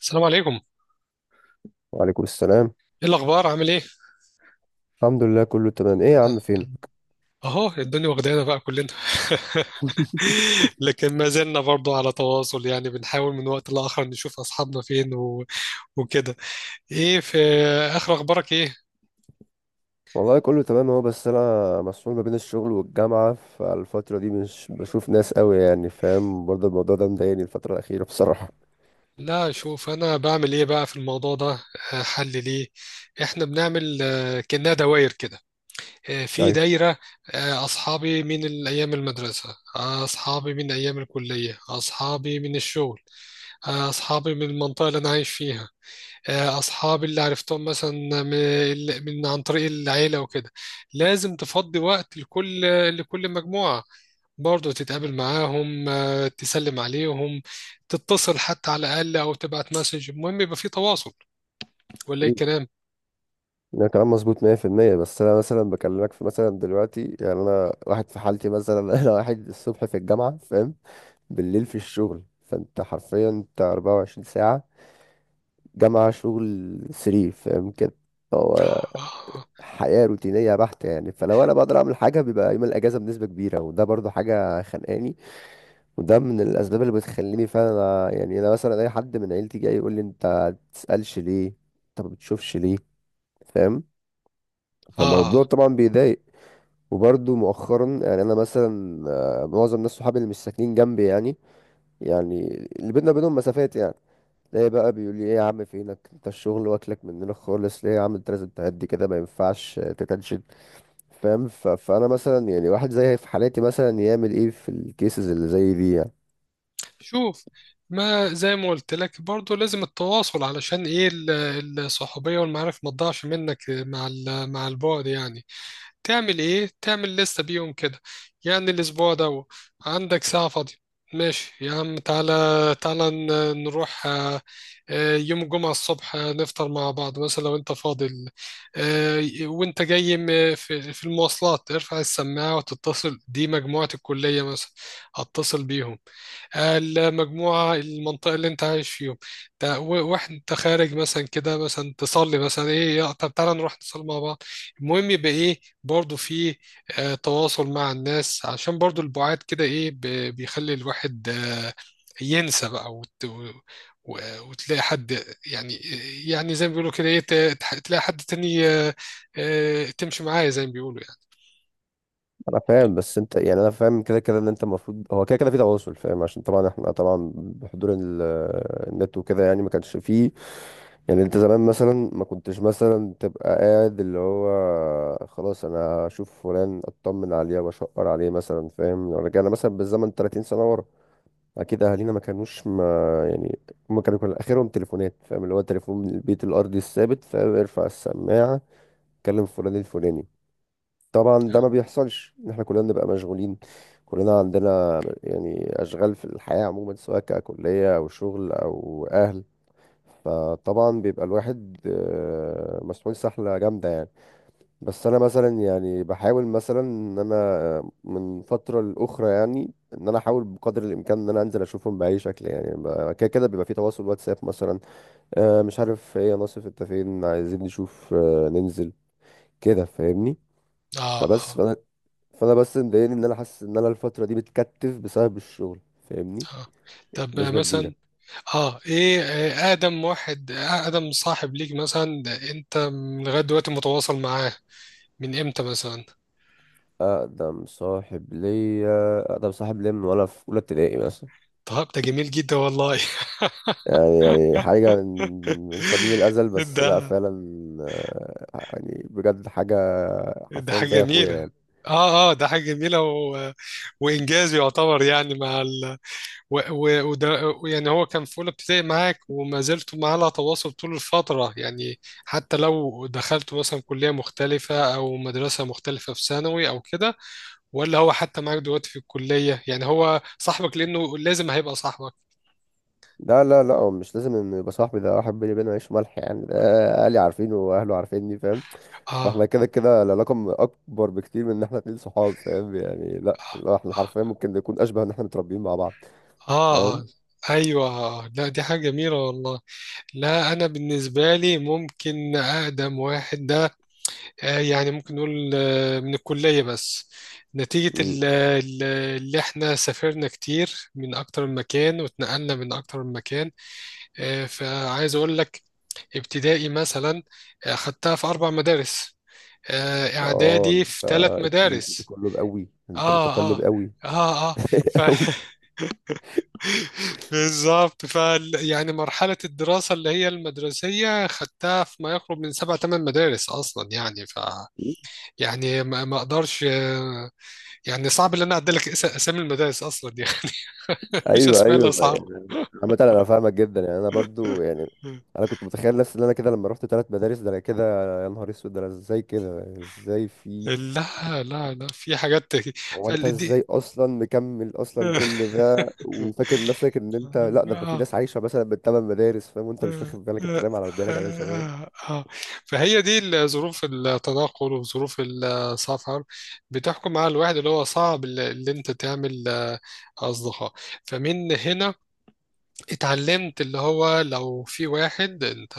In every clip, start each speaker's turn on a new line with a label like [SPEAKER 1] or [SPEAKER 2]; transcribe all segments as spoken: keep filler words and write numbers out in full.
[SPEAKER 1] السلام عليكم.
[SPEAKER 2] وعليكم السلام.
[SPEAKER 1] ايه الاخبار؟ عامل ايه؟
[SPEAKER 2] الحمد لله، كله تمام. ايه يا عم، فين؟
[SPEAKER 1] اهو الدنيا واخدانا بقى كلنا. لكن ما زلنا برضو على تواصل، يعني بنحاول من وقت لاخر نشوف اصحابنا فين و... وكده. ايه في اخر اخبارك ايه؟
[SPEAKER 2] والله كله تمام اهو، بس انا مسحول ما بين الشغل والجامعة، فالفترة دي مش بشوف ناس قوي، يعني فاهم؟ برضه الموضوع ده مضايقني الفترة الأخيرة بصراحة.
[SPEAKER 1] لا، شوف، انا بعمل ايه بقى في الموضوع ده. آه، حل ليه. احنا بنعمل آه، كأنها دوائر كده. آه، في
[SPEAKER 2] ايوه
[SPEAKER 1] دايرة، آه، أصحابي من الأيام المدرسة، آه، أصحابي من أيام الكلية، أصحابي من الشغل، آه، أصحابي من المنطقة اللي أنا عايش فيها، آه، اصحابي اللي عرفتهم مثلا من من عن طريق العيله وكده. لازم تفضي وقت لكل لكل مجموعه برضه، تتقابل معاهم، آه، تسلم عليهم، تتصل حتى على الاقل او تبعت مسج، المهم يبقى في تواصل، ولا ايه
[SPEAKER 2] مم.
[SPEAKER 1] الكلام؟
[SPEAKER 2] ده كلام مظبوط مية في المية، بس انا مثلا بكلمك في مثلا دلوقتي، يعني انا واحد في حالتي مثلا. انا واحد الصبح في الجامعة، فاهم؟ بالليل في الشغل، فانت حرفيا انت اربعة وعشرين ساعة، جامعة شغل تلاتة، فاهم كده؟ هو
[SPEAKER 1] آه.
[SPEAKER 2] حياة روتينية بحتة يعني، فلو انا بقدر اعمل حاجة بيبقى يوم الاجازة بنسبة كبيرة، وده برضو حاجة خانقاني. وده من الاسباب اللي بتخليني فعلا أ- يعني انا مثلا اي حد من عيلتي جاي يقول لي: انت تسألش ليه؟ انت ما بتشوفش ليه؟ فاهم؟ فالموضوع
[SPEAKER 1] آه،
[SPEAKER 2] طبعا بيضايق. وبرضو مؤخرا يعني انا مثلا آه، معظم الناس صحابي اللي مش ساكنين جنبي يعني، يعني اللي بينا بينهم مسافات يعني، ليه بقى بيقول لي: ايه يا عم فينك، انت الشغل واكلك مننا خالص، ليه يا عم انت لازم تهدي كده، ما ينفعش تتنشن. فاهم؟ ف- فانا مثلا يعني واحد زي في حالاتي مثلا يعمل ايه في الكيسز اللي زي دي يعني؟
[SPEAKER 1] شوف، ما زي ما قلت لك برضه، لازم التواصل علشان إيه ال- الصحوبية والمعارف ما تضيعش منك مع ال- مع البعد، يعني تعمل ايه؟ تعمل لستة بيهم كده. يعني الاسبوع ده عندك ساعة فاضية، ماشي يا عم، تعالى، تعالى ن- نروح. آه، آه، يوم الجمعة الصبح، آه، نفطر مع بعض مثلا لو انت فاضي. ال- آه، وانت جاي م- في في المواصلات ارفع السماعة وتتصل، دي مجموعة الكلية مثلا، هتصل بيهم، المجموعة المنطقة اللي انت عايش فيهم ده، و- واحد انت خارج مثلا كده، مثلا تصلي، مثلا ايه يا- طب تعالى نروح نصلي مع بعض. المهم يبقى ايه؟ برضو في آه تواصل مع الناس، عشان برضو البعاد كده ايه ب- بيخلي الواحد آه ينسى بقى وت... و... و- وتلاقي حد، يعني، يعني زي ما بيقولوا كده ايه، ت- تح- تلاقي حد تاني، آه، آه، تمشي معاه زي ما بيقولوا يعني.
[SPEAKER 2] انا فاهم، بس انت يعني انا فاهم كده كده ان انت المفروض هو كده كده في تواصل، فاهم؟ عشان طبعا احنا طبعا بحضور ال- النت وكده، يعني ما كانش فيه. يعني انت زمان مثلا ما كنتش مثلا تبقى قاعد اللي هو: خلاص انا اشوف فلان اطمن عليه واشقر عليه مثلا، فاهم؟ لو رجعنا مثلا بالزمن تلاتين سنة ورا اكيد اهالينا ما كانوش ما، يعني هم كانوا كل اخرهم تليفونات، فاهم؟ اللي هو تليفون البيت الارضي الثابت، فاهم؟ ارفع السماعه كلم فلان الفلاني. طبعا ده ما بيحصلش ان احنا كلنا بنبقى مشغولين، كلنا عندنا يعني اشغال في الحياه عموما، سواء ككليه او شغل او اهل، فطبعا بيبقى الواحد آه، مسحول سحله جامده يعني. بس انا مثلا يعني بحاول مثلا ان انا من فتره لاخرى، يعني ان انا احاول بقدر الامكان ان انا انزل اشوفهم باي شكل يعني، ب- كده كده بيبقى في تواصل واتساب مثلا، آه، مش عارف ايه يا ناصف انت فين، عايزين نشوف، آه، ننزل كده، فاهمني؟
[SPEAKER 1] اه،
[SPEAKER 2] فبس
[SPEAKER 1] اه،
[SPEAKER 2] فانا، فانا بس مضايقني ان انا حاسس ان انا الفتره دي بتكتف بسبب الشغل، فاهمني؟
[SPEAKER 1] اه. طب
[SPEAKER 2] نسبه كبيره.
[SPEAKER 1] مثلا، اه، ايه؟ آه، اقدم واحد آه، اقدم صاحب ليك مثلا ده، انت من لغايه دلوقتي متواصل معاه؟ من امتى مثلا؟
[SPEAKER 2] اقدم صاحب ليا، اقدم صاحب ليا من وانا في اولى ابتدائي مثلا،
[SPEAKER 1] طب ده جميل جدا والله.
[SPEAKER 2] يعني يعني حاجة من من قديم الأزل، بس لا
[SPEAKER 1] ده
[SPEAKER 2] فعلا آه، يعني بجد حاجة
[SPEAKER 1] ده
[SPEAKER 2] حرفيا
[SPEAKER 1] حاجه
[SPEAKER 2] زي أخويا
[SPEAKER 1] جميله.
[SPEAKER 2] يعني.
[SPEAKER 1] اه، اه، ده حاجه جميله و... وانجاز يعتبر، يعني مع ال... و... و... وده. يعني هو كان في اولى ابتدائي معاك وما زلتوا معاه على تواصل طول الفتره، يعني حتى لو دخلتوا مثلا كليه مختلفه او مدرسه مختلفه في ثانوي او كده، ولا هو حتى معاك دلوقتي في الكلية؟ يعني هو صاحبك لأنه لازم هيبقى صاحبك.
[SPEAKER 2] لا لا لا، هو مش لازم إن يبقى صاحبي، ده واحد بيني وبينه عيش ملح، يعني ده أهلي عارفينه وأهله عارفيني، فاهم؟
[SPEAKER 1] آه
[SPEAKER 2] فاحنا كده كده العلاقة م- أكبر بكتير من إن احنا اتنين صحاب، فاهم؟ يعني لا لا، احنا حرفيا ممكن نكون أشبه إن احنا متربيين مع بعض،
[SPEAKER 1] آه
[SPEAKER 2] فاهم؟
[SPEAKER 1] آه أيوة. لا، دي حاجة جميلة والله. لا، أنا بالنسبة لي ممكن أقدم واحد ده آه، يعني ممكن نقول آه، من الكلية بس، نتيجة
[SPEAKER 2] مم.
[SPEAKER 1] ال- ال- اللي احنا سافرنا كتير من أكتر من مكان واتنقلنا من أكتر من مكان. آه، فعايز أقول لك، ابتدائي مثلا آه، خدتها في أربع مدارس، آه،
[SPEAKER 2] اه
[SPEAKER 1] اعدادي في
[SPEAKER 2] انت
[SPEAKER 1] ثلاث
[SPEAKER 2] انت
[SPEAKER 1] مدارس.
[SPEAKER 2] متقلب قوي، انت
[SPEAKER 1] اه،
[SPEAKER 2] متقلب
[SPEAKER 1] اه،
[SPEAKER 2] قوي.
[SPEAKER 1] اه، اه، ف
[SPEAKER 2] قوي.
[SPEAKER 1] بالظبط، ف يعني مرحله الدراسه اللي هي المدرسيه خدتها في ما يقرب من سبع ثمان مدارس اصلا، يعني ف، يعني ما ما اقدرش. آه، يعني صعب ان انا اعدلك اس- اسامي المدارس اصلا يعني. مش
[SPEAKER 2] ايوه
[SPEAKER 1] اسماء
[SPEAKER 2] ايوه، ما-
[SPEAKER 1] الاصحاب.
[SPEAKER 2] يعني عامة انا فاهمك جدا، يعني انا برضو يعني انا كنت متخيل نفسي ان انا كده لما رحت ثلاث مدارس، ده انا كده: يا نهار اسود، ده انا ازاي كده، ازاي في؟
[SPEAKER 1] لا، لا، لا، في حاجات،
[SPEAKER 2] هو انت
[SPEAKER 1] فالدي.
[SPEAKER 2] ازاي اصلا مكمل اصلا كل ده وفاكر نفسك ان انت لا، ده في
[SPEAKER 1] آه
[SPEAKER 2] ناس عايشه مثلا بالثمان مدارس، فاهم؟ وانت مش
[SPEAKER 1] آه،
[SPEAKER 2] واخد بالك، انت نايم على ودانك يا
[SPEAKER 1] آه،
[SPEAKER 2] باشا، فاهم؟
[SPEAKER 1] آه، آه. فهي دي ال- ظروف التنقل وظروف السفر بتحكم على الواحد، اللي هو صعب اللي اللي انت تعمل آه، اصدقاء. فمن هنا اتعلمت اللي هو لو في واحد انت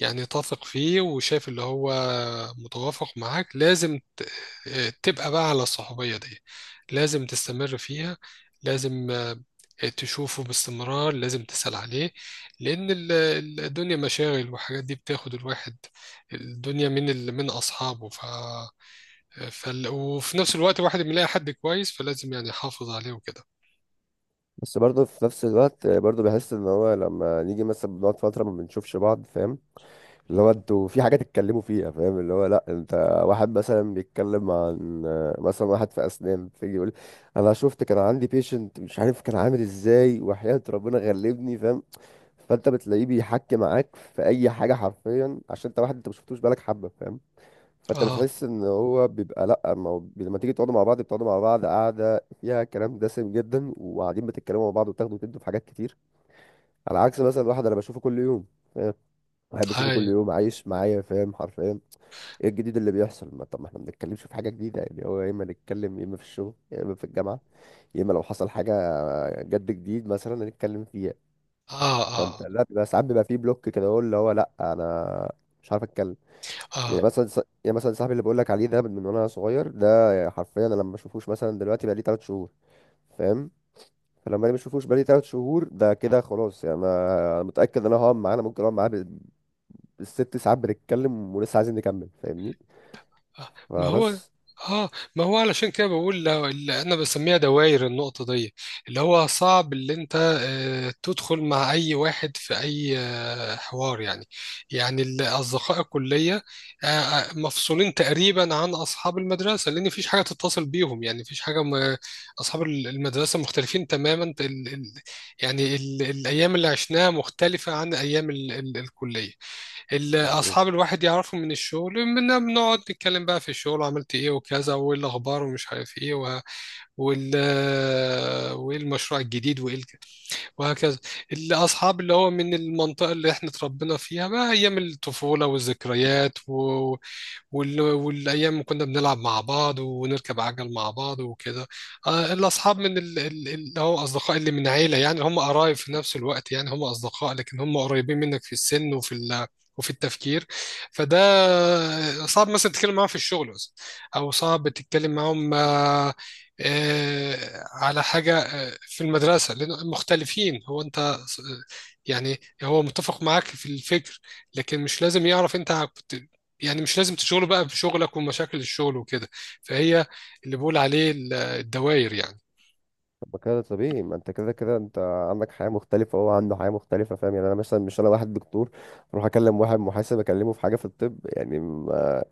[SPEAKER 1] يعني تثق فيه وشايف اللي هو متوافق معاك، لازم ت- تبقى بقى على الصحوبية دي، لازم تستمر فيها، لازم آه، تشوفه باستمرار، لازم تسأل عليه، لأن ال- ال- الدنيا مشاغل والحاجات دي بتاخد الواحد الدنيا من ال- من أصحابه. ف... فال... وفي نفس الوقت الواحد بيلاقي حد كويس، فلازم يعني يحافظ عليه وكده.
[SPEAKER 2] بس برضو في نفس الوقت برضو بحس ان هو لما نيجي مثلا بنقعد فتره ما بنشوفش بعض، فاهم؟ اللي هو انتوا في حاجة تتكلموا فيها، فاهم؟ اللي هو لا انت واحد مثلا بيتكلم عن مثلا واحد في اسنان فيجي يقول: انا شفت كان عندي بيشنت مش عارف كان عامل ازاي، وحياة ربنا غلبني، فاهم؟ فانت بتلاقيه بيحكي معاك في اي حاجة حرفيا، عشان انت واحد انت ما شفتوش بقالك حبة، فاهم؟ فانت
[SPEAKER 1] اه،
[SPEAKER 2] بتحس ان هو بيبقى لا، ما هو بي- لما تيجي تقعدوا مع بعض بتقعدوا مع بعض قاعدة فيها كلام دسم جدا، وقاعدين بتتكلموا مع بعض وتاخدوا وتدوا في حاجات كتير. على عكس مثلا واحد انا بشوفه كل يوم، بحب اشوفه كل
[SPEAKER 1] هاي،
[SPEAKER 2] يوم عايش معايا، فاهم حرفيا؟ ايه الجديد اللي بيحصل؟ ما طب ما احنا ما بنتكلمش في حاجه جديده يعني، هو يا اما نتكلم يا اما في الشغل يا اما في الجامعه، يا اما لو حصل حاجه جد جديد مثلا نتكلم فيها.
[SPEAKER 1] اه،
[SPEAKER 2] فانت
[SPEAKER 1] اه،
[SPEAKER 2] لا بيبقى ساعات بيبقى فيه بلوك كده، هو اللي هو: لا انا مش عارف اتكلم. يعني
[SPEAKER 1] اه،
[SPEAKER 2] مثلا ص- يعني مثلا صاحبي اللي بقول لك عليه ده من وانا صغير ده، حرفيا انا لما اشوفوش مثلا دلوقتي بقى لي تلات شهور، فاهم؟ فلما انا ما اشوفوش بقالي تلات شهور ده كده خلاص، يعني انا أنا متاكد ان انا هقعد معاه، انا ممكن اقعد معاه الست ساعات بنتكلم ولسه عايزين نكمل، فاهمني؟
[SPEAKER 1] آه، ما هو،
[SPEAKER 2] فبس
[SPEAKER 1] اه، ما هو علشان كده بقول، لا- اللي انا بسميها دوائر، النقطة دي اللي هو صعب اللي انت آه، تدخل مع اي واحد في اي آه، حوار يعني. يعني ال- اصدقاء الكلية آه، آه، مفصولين تقريبا عن اصحاب المدرسة، لان مفيش حاجة تتصل بيهم، يعني مفيش حاجة م... اصحاب ال- المدرسة مختلفين تماما. ال... ال... يعني ال... الايام اللي عشناها مختلفة عن ايام ال... ال... الكلية. ال-
[SPEAKER 2] الموضوع.
[SPEAKER 1] اصحاب الواحد يعرفوا من الشغل، بن- بنقعد نتكلم بقى في الشغل عملت ايه وكذا، وايه الاخبار ومش عارف ايه و... وال وايه المشروع الجديد وايه الك- وهكذا. الاصحاب اللي هو من المنطقه اللي احنا اتربينا فيها بقى ايام الطفوله والذكريات وال... والايام كنا بنلعب مع بعض ونركب عجل مع بعض وكده. آه، الاصحاب من ال... ال- اللي هو اصدقاء اللي من عيله، يعني هم قرايب في نفس الوقت، يعني هم اصدقاء لكن هم قريبين منك في السن وفي ال... وفي التفكير. فده صعب مثلا تتكلم معاهم في الشغل مثلا، او صعب تتكلم معاهم آه، آه، على حاجه آه، في المدرسه لان مختلفين. هو انت يعني هو متفق معاك في الفكر، لكن مش لازم يعرف انت، يعني مش لازم تشغله بقى بشغلك ومشاكل الشغل وكده. فهي اللي بقول عليه ال- الدوائر يعني.
[SPEAKER 2] طب ما كده طبيعي، ما انت كده كده انت عندك حياة مختلفة وهو عنده حياة مختلفة، فاهم؟ يعني انا مثلا مش، انا واحد دكتور اروح اكلم واحد محاسب اكلمه في حاجة في الطب، يعني ما-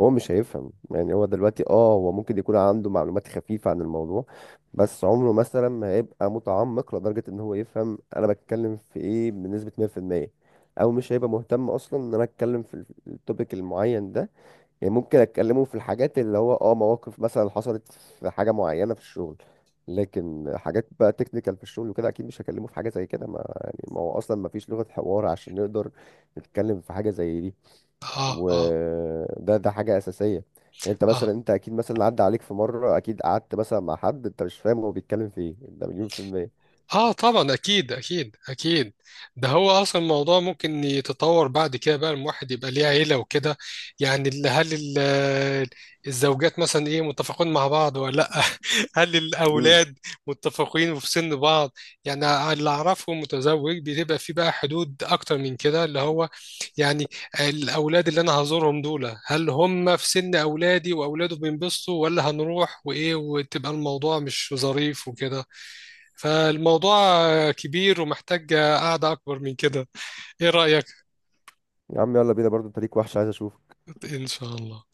[SPEAKER 2] هو مش هيفهم. يعني هو دلوقتي اه هو ممكن يكون عنده معلومات خفيفة عن الموضوع، بس عمره مثلا ما هيبقى متعمق لدرجة ان هو يفهم انا بتكلم في ايه بنسبة مية في المية، او مش هيبقى مهتم اصلا ان انا اتكلم في التوبيك المعين ده. يعني ممكن اتكلموا في الحاجات اللي هو اه مواقف مثلا حصلت في حاجه معينه في الشغل، لكن حاجات بقى تكنيكال في الشغل وكده اكيد مش هكلمه في حاجه زي كده، ما يعني ما هو اصلا ما فيش لغه حوار عشان نقدر نتكلم في حاجه زي دي.
[SPEAKER 1] اه، اه،
[SPEAKER 2] وده ده حاجه اساسيه. يعني انت مثلا
[SPEAKER 1] اه،
[SPEAKER 2] انت اكيد مثلا عدى عليك في مره اكيد قعدت مثلا مع حد انت مش فاهم هو بيتكلم في ايه، ده مليون في الميه.
[SPEAKER 1] اه، طبعا، اكيد، اكيد، اكيد. ده هو اصلا الموضوع ممكن يتطور بعد كده، بقى الواحد يبقى ليه عيله وكده، يعني ال- هل ال- الزوجات مثلا ايه متفقون مع بعض ولا لا؟ هل
[SPEAKER 2] امم
[SPEAKER 1] الاولاد متفقين وفي سن بعض؟ يعني اللي اعرفه متزوج بتبقى في بقى حدود اكتر من كده، اللي هو يعني الاولاد اللي انا هزورهم دول هل هم في سن اولادي واولاده؟ بينبسطوا ولا هنروح وايه وتبقى الموضوع مش ظريف وكده. فالموضوع كبير ومحتاج قعدة أكبر من كده. إيه رأيك؟
[SPEAKER 2] يا عم يلا بينا برضه، انت ليك وحش، عايز اشوف.
[SPEAKER 1] إن شاء الله.